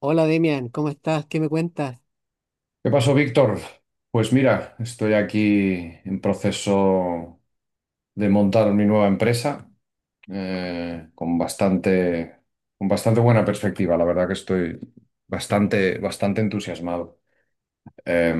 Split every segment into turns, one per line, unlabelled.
Hola Demian, ¿cómo estás? ¿Qué me cuentas?
¿Qué pasó, Víctor? Pues mira, estoy aquí en proceso de montar mi nueva empresa eh, con bastante, con bastante buena perspectiva. La verdad que estoy bastante, bastante entusiasmado. Eh,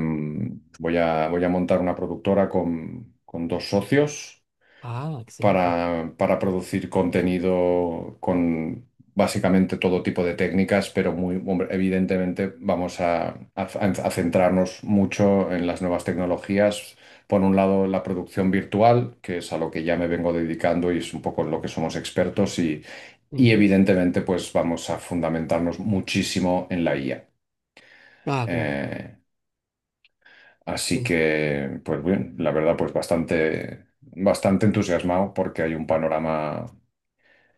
voy a montar una productora con dos socios
Ah, excelente.
para producir contenido con básicamente todo tipo de técnicas, pero hombre, evidentemente vamos a centrarnos mucho en las nuevas tecnologías. Por un lado, la producción virtual, que es a lo que ya me vengo dedicando y es un poco en lo que somos expertos, y
Ujú.
evidentemente, pues vamos a fundamentarnos muchísimo en la IA.
Ah, claro.
Eh, Así
El-
que, pues bien, la verdad, pues bastante, bastante entusiasmado porque hay un panorama.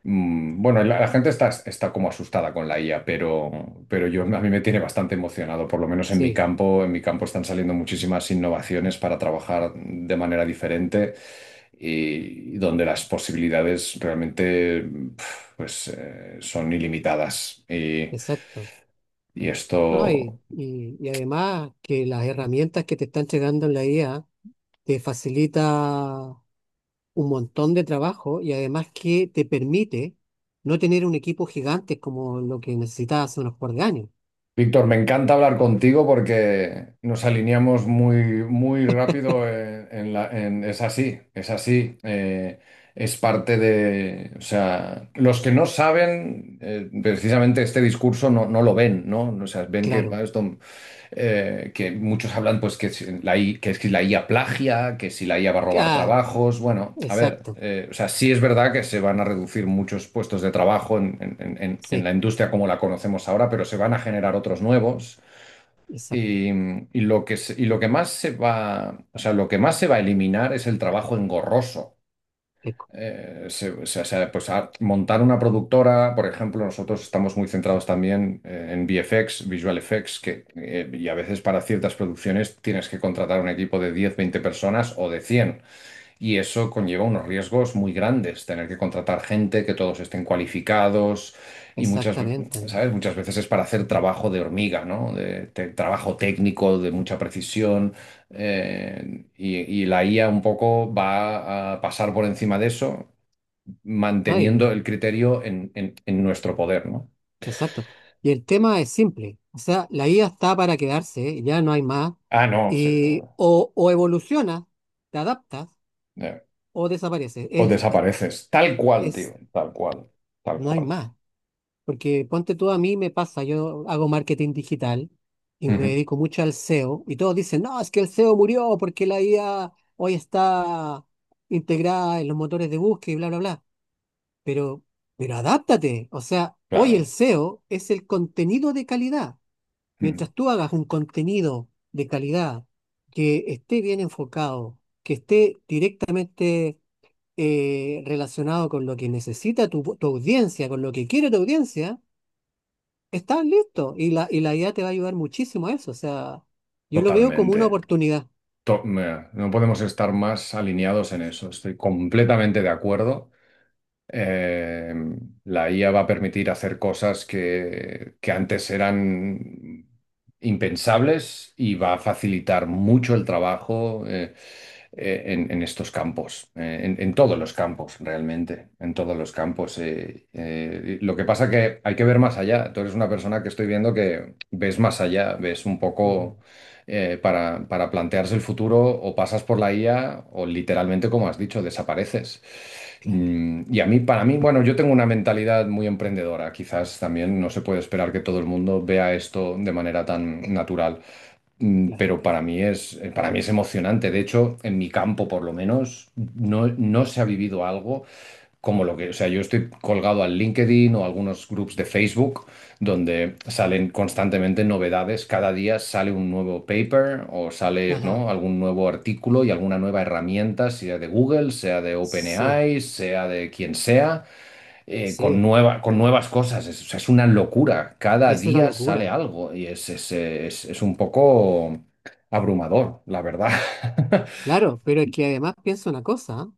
Bueno, la gente está como asustada con la IA, pero a mí me tiene bastante emocionado, por lo menos en mi
sí,
campo. En mi campo están saliendo muchísimas innovaciones para trabajar de manera diferente, y donde las posibilidades realmente, pues, son ilimitadas. Y,
exacto.
y
No,
esto,
y además que las herramientas que te están llegando en la IA te facilita un montón de trabajo y además que te permite no tener un equipo gigante como lo que necesitabas hace unos par de años.
Víctor, me encanta hablar contigo porque nos alineamos muy, muy rápido es así, es así. Es parte de, o sea, los que no saben, precisamente este discurso no lo ven, ¿no? O sea, ven que,
Claro.
esto, que muchos hablan pues que si la IA plagia, que si la IA va a robar
Ah,
trabajos. Bueno, a ver,
exacto.
o sea, sí es verdad que se van a reducir muchos puestos de trabajo en la
Sí,
industria como la conocemos ahora, pero se van a generar otros nuevos.
exacto.
Y, y lo que, y lo que más se va, o sea, lo que más se va a eliminar es el trabajo engorroso.
Eco-
Pues montar una productora, por ejemplo, nosotros estamos muy centrados también en VFX, Visual Effects, y a veces para ciertas producciones tienes que contratar un equipo de 10 20 personas o de 100, y eso conlleva unos riesgos muy grandes, tener que contratar gente, que todos estén cualificados, y
Exactamente.
¿sabes? Muchas veces es para hacer trabajo de hormiga, ¿no? Trabajo técnico, de mucha precisión. eh, y, y la IA un poco va a pasar por encima de eso, manteniendo
Ay.
el criterio en nuestro poder, ¿no?
Exacto. Y el tema es simple. O sea, la IA está para quedarse, ya no hay más.
Ah, no, sí.
Y o evoluciona, te adaptas
eh,
o desaparece.
O desapareces. Tal cual, tío.
Es,
Tal cual. Tal
no hay
cual.
más. Porque ponte tú, a mí me pasa, yo hago marketing digital y me
Ujú.
dedico mucho al SEO y todos dicen, no, es que el SEO murió porque la IA hoy está integrada en los motores de búsqueda y bla, bla, bla. Pero, pero adáptate. O sea, hoy el
Claro.
SEO es el contenido de calidad.
Ujú.
Mientras tú hagas un contenido de calidad que esté bien enfocado, que esté directamente relacionado con lo que necesita tu audiencia, con lo que quiere tu audiencia, estás listo. Y la IA te va a ayudar muchísimo a eso. O sea, yo lo veo como una
Totalmente.
oportunidad.
No podemos estar más alineados en eso. Estoy completamente de acuerdo. Eh, la IA va a permitir hacer cosas que antes eran impensables, y va a facilitar mucho el trabajo, en estos campos, en todos los campos realmente, en todos los campos. Lo que pasa que hay que ver más allá. Tú eres una persona que estoy viendo que ves más allá, ves un
Ujú.
poco, para plantearse el futuro, o pasas por la IA o literalmente, como has dicho, desapareces.
Claro,
Y para mí, bueno, yo tengo una mentalidad muy emprendedora. Quizás también no se puede esperar que todo el mundo vea esto de manera tan natural.
claro.
Pero para mí es emocionante. De hecho, en mi campo, por lo menos, no se ha vivido algo como lo que, o sea, yo estoy colgado al LinkedIn o a algunos groups de Facebook donde salen constantemente novedades. Cada día sale un nuevo paper o sale,
Ajá.
¿no?, algún nuevo artículo y alguna nueva herramienta, sea de Google, sea de
Sí.
OpenAI, sea de quien sea, con
Sí,
nueva, con nuevas cosas. O sea, es una locura. Cada
es una
día sale
locura.
algo y es un poco abrumador, la verdad.
Claro, pero es que además pienso una cosa,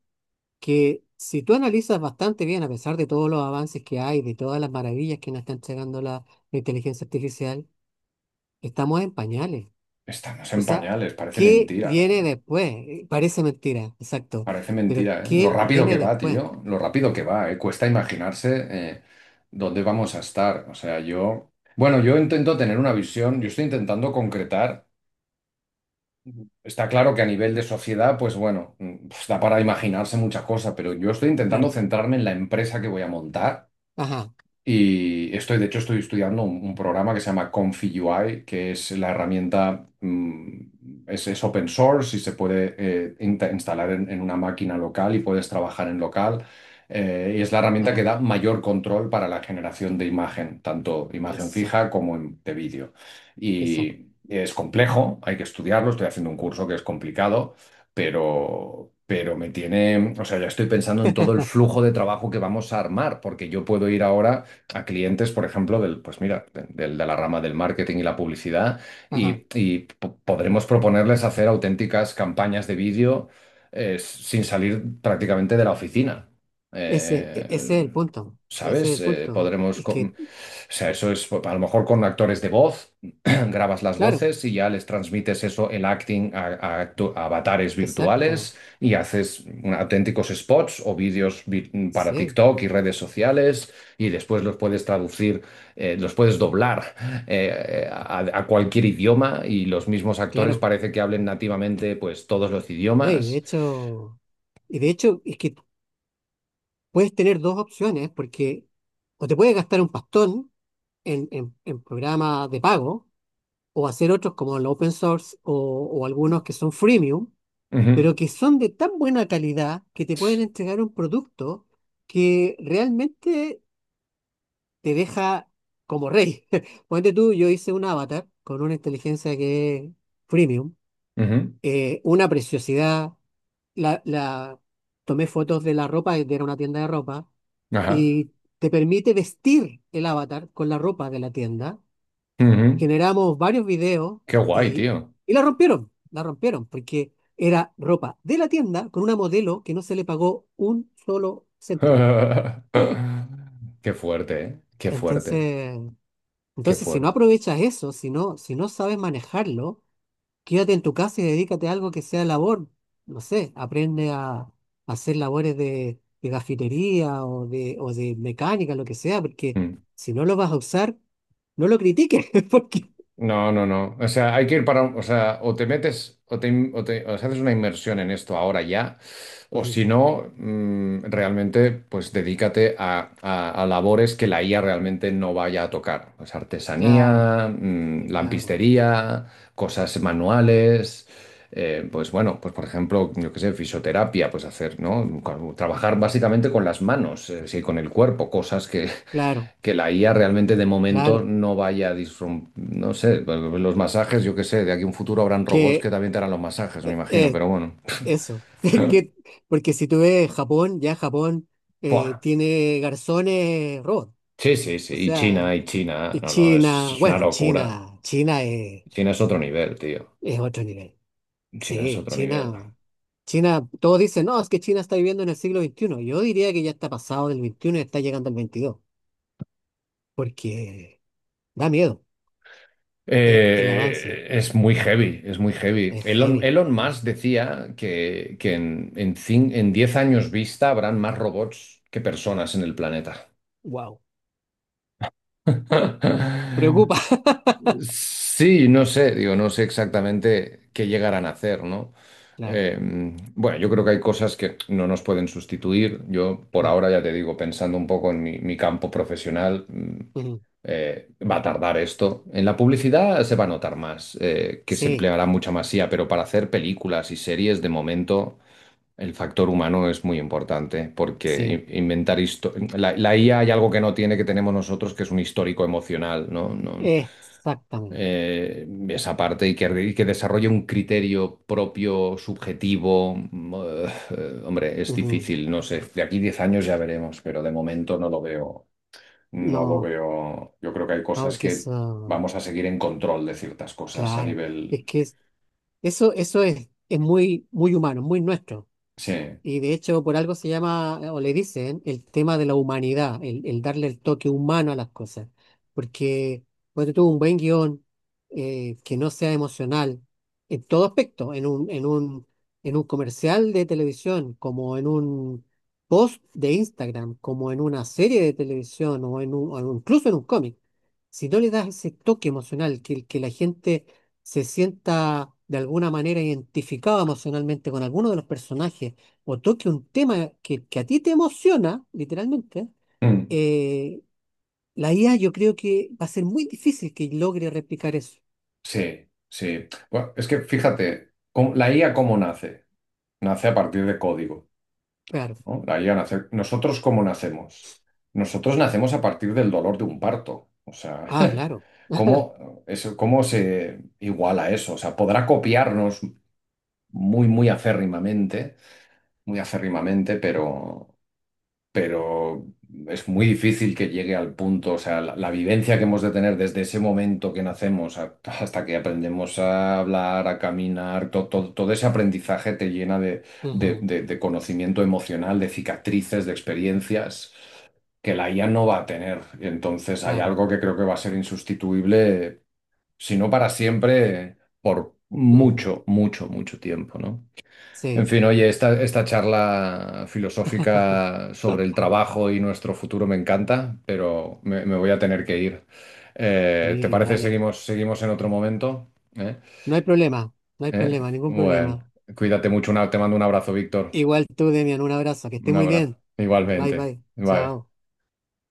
que si tú analizas bastante bien, a pesar de todos los avances que hay, de todas las maravillas que nos está entregando la inteligencia artificial, estamos en pañales.
Estamos en
O sea,
pañales, parece
¿qué
mentira.
viene después? Parece mentira, exacto.
Parece
Pero
mentira, ¿eh? Lo
¿qué
rápido que
viene
va,
después?
tío, lo rápido que va, ¿eh? Cuesta imaginarse dónde vamos a estar. O sea, yo, bueno, yo intento tener una visión, yo estoy intentando concretar. Ujú. Está claro que a nivel de sociedad, pues bueno, pues da para imaginarse muchas cosas, pero yo estoy intentando
Claro.
centrarme en la empresa que voy a montar.
Ajá,
Y de hecho, estoy estudiando un programa que se llama Confi UI, que es la herramienta, es open source, y se puede instalar en una máquina local y puedes trabajar en local. Y es la herramienta que
bueno,
da mayor control para la generación de imagen, tanto imagen
eso,
fija como de vídeo.
exacto.
Y es complejo, hay que estudiarlo, estoy haciendo un curso que es complicado, pero me tiene, o sea, ya estoy pensando en todo el flujo de trabajo que vamos a armar, porque yo puedo ir ahora a clientes, por ejemplo, pues mira, de la rama del marketing y la publicidad,
Ajá.
y podremos proponerles hacer auténticas campañas de vídeo sin salir prácticamente de la oficina.
Ese es el
Eh,
punto. Ese es
¿Sabes?
el punto.
O sea, eso es, a lo mejor con actores de voz, grabas las
Claro,
voces y ya les transmites eso, el acting, a avatares
exacto.
virtuales, y haces auténticos spots o vídeos para
Sí,
TikTok y redes sociales, y después los puedes traducir, los puedes doblar a cualquier idioma, y los mismos actores
claro.
parece que hablen nativamente pues todos los
No, y de
idiomas.
hecho, es que puedes tener dos opciones, porque o te puedes gastar un pastón en programas de pago, o hacer otros como el open source o algunos que son freemium,
Ujú.
pero que son de tan buena calidad que te pueden entregar un producto que realmente te deja como rey. Ponte tú, yo hice un avatar con una inteligencia que es freemium,
Ujú.
una preciosidad la, la- tomé fotos de la ropa, era una tienda de ropa,
Ajá.
y te permite vestir el avatar con la ropa de la tienda.
Ujú.
Generamos varios videos
Qué guay,
y,
tío.
la rompieron, porque era ropa de la tienda con una modelo que no se le pagó un solo céntimo.
Qué fuerte, ¿eh? Qué fuerte,
Entonces,
qué
entonces si no
fuerte.
aprovechas eso, si no sabes manejarlo, quédate en tu casa y dedícate a algo que sea labor. No sé, aprende a hacer labores de gafitería o de mecánica, lo que sea, porque
Mm.
si no lo vas a usar, no lo critiques, porque...
No, no, no. O sea, hay que ir o sea, o te metes, o te, o sea, haces una inmersión en esto ahora ya, o
Ujú.
si no, realmente, pues dedícate a labores que la IA realmente no vaya a tocar. Pues
Claro,
artesanía,
claro,
lampistería, cosas manuales. Pues bueno, pues por ejemplo, yo qué sé, fisioterapia, pues hacer, ¿no? Trabajar básicamente con las manos, sí, con el cuerpo, cosas que
claro,
que la IA realmente de momento
claro.
no vaya a no sé, los masajes, yo qué sé, de aquí a un futuro habrán robots que
Que
también te harán los masajes, me
eh,
imagino,
eh,
pero bueno.
eso, que, porque si tú ves Japón, ya Japón
Buah.
tiene garzones robots.
Sí, sí, sí,
O sea,
Y China,
y
no, no, es,
China,
es una
bueno,
locura.
China
China es otro nivel, tío.
es otro nivel.
China es
Sí,
otro nivel.
China. China, todos dicen, no, es que China está viviendo en el siglo veintiuno. Yo diría que ya está pasado del veintiuno y está llegando al veintidós, porque da miedo. El avance
Es muy heavy, es muy heavy.
es
Elon,
heavy.
Elon Musk decía que en 10 años vista habrán más robots que personas en el planeta.
Wow. Preocupa.
Sí, no sé, digo, no sé exactamente qué llegarán a hacer, ¿no?
Claro,
Eh, bueno, yo creo que hay cosas que no nos pueden sustituir. Yo, por
no.
ahora, ya te digo, pensando un poco en mi campo profesional,
Ujú.
va a tardar esto. En la publicidad se va a notar más, que se
Sí,
empleará mucha más IA, pero para hacer películas y series, de momento, el factor humano es muy importante, porque
sí,
la IA hay algo que no tiene, que tenemos nosotros, que es un histórico emocional, ¿no? No,
exactamente.
esa parte, y que desarrolle un criterio propio, subjetivo. Hombre, es
Ujú.
difícil, no sé. De aquí 10 años ya veremos, pero de momento no lo veo. No lo
No,
veo. Yo creo que hay
no,
cosas
porque
que
eso,
vamos a seguir en control de ciertas cosas a
claro, es
nivel.
que es- eso, eso es muy, muy humano, muy nuestro.
Sí.
Y de hecho, por algo se llama, o le dicen, el tema de la humanidad, el darle el toque humano a las cosas. Porque cuando tú un buen guión que no sea emocional en todo aspecto, en un comercial de televisión, como en un post de Instagram, como en una serie de televisión en un, incluso en un cómic, si no le das ese toque emocional, que la gente se sienta de alguna manera identificada emocionalmente con alguno de los personajes, o toque un tema que a ti te emociona, literalmente,
Mm,
eh, la IA yo creo que va a ser muy difícil que logre replicar eso.
sí, sí. Bueno, es que fíjate, ¿ la IA cómo nace? Nace a partir de código.
Claro.
¿No? Ahí a nacer. ¿Nosotros cómo nacemos? Nosotros nacemos a partir del dolor de un parto. O sea,
Ah, claro.
¿cómo, eso, cómo se iguala eso? O sea, podrá copiarnos muy, muy acérrimamente, pero es muy difícil que llegue al punto, o sea, la vivencia que hemos de tener desde ese momento que nacemos hasta que aprendemos a hablar, a caminar, todo ese aprendizaje te llena de, de-
Ujú,
de- de conocimiento emocional, de cicatrices, de experiencias que la IA no va a tener. Entonces hay
claro.
algo que creo que va a ser insustituible, si no para siempre, por
Ujú.
mucho, mucho, mucho tiempo, ¿no? En
Sí,
fin, oye, esta charla filosófica sobre el trabajo y nuestro futuro me encanta, pero me voy a tener que ir. ¿Te
sí,
parece
dale.
seguimos en otro momento? ¿Eh?
No hay problema, no hay
¿Eh?
problema, ningún
Bueno,
problema.
cuídate mucho, te mando un abrazo, Víctor.
Igual tú, Demian, un abrazo, que estés
Un
muy
abrazo.
bien. Bye,
Igualmente.
bye.
Bye.
Chao.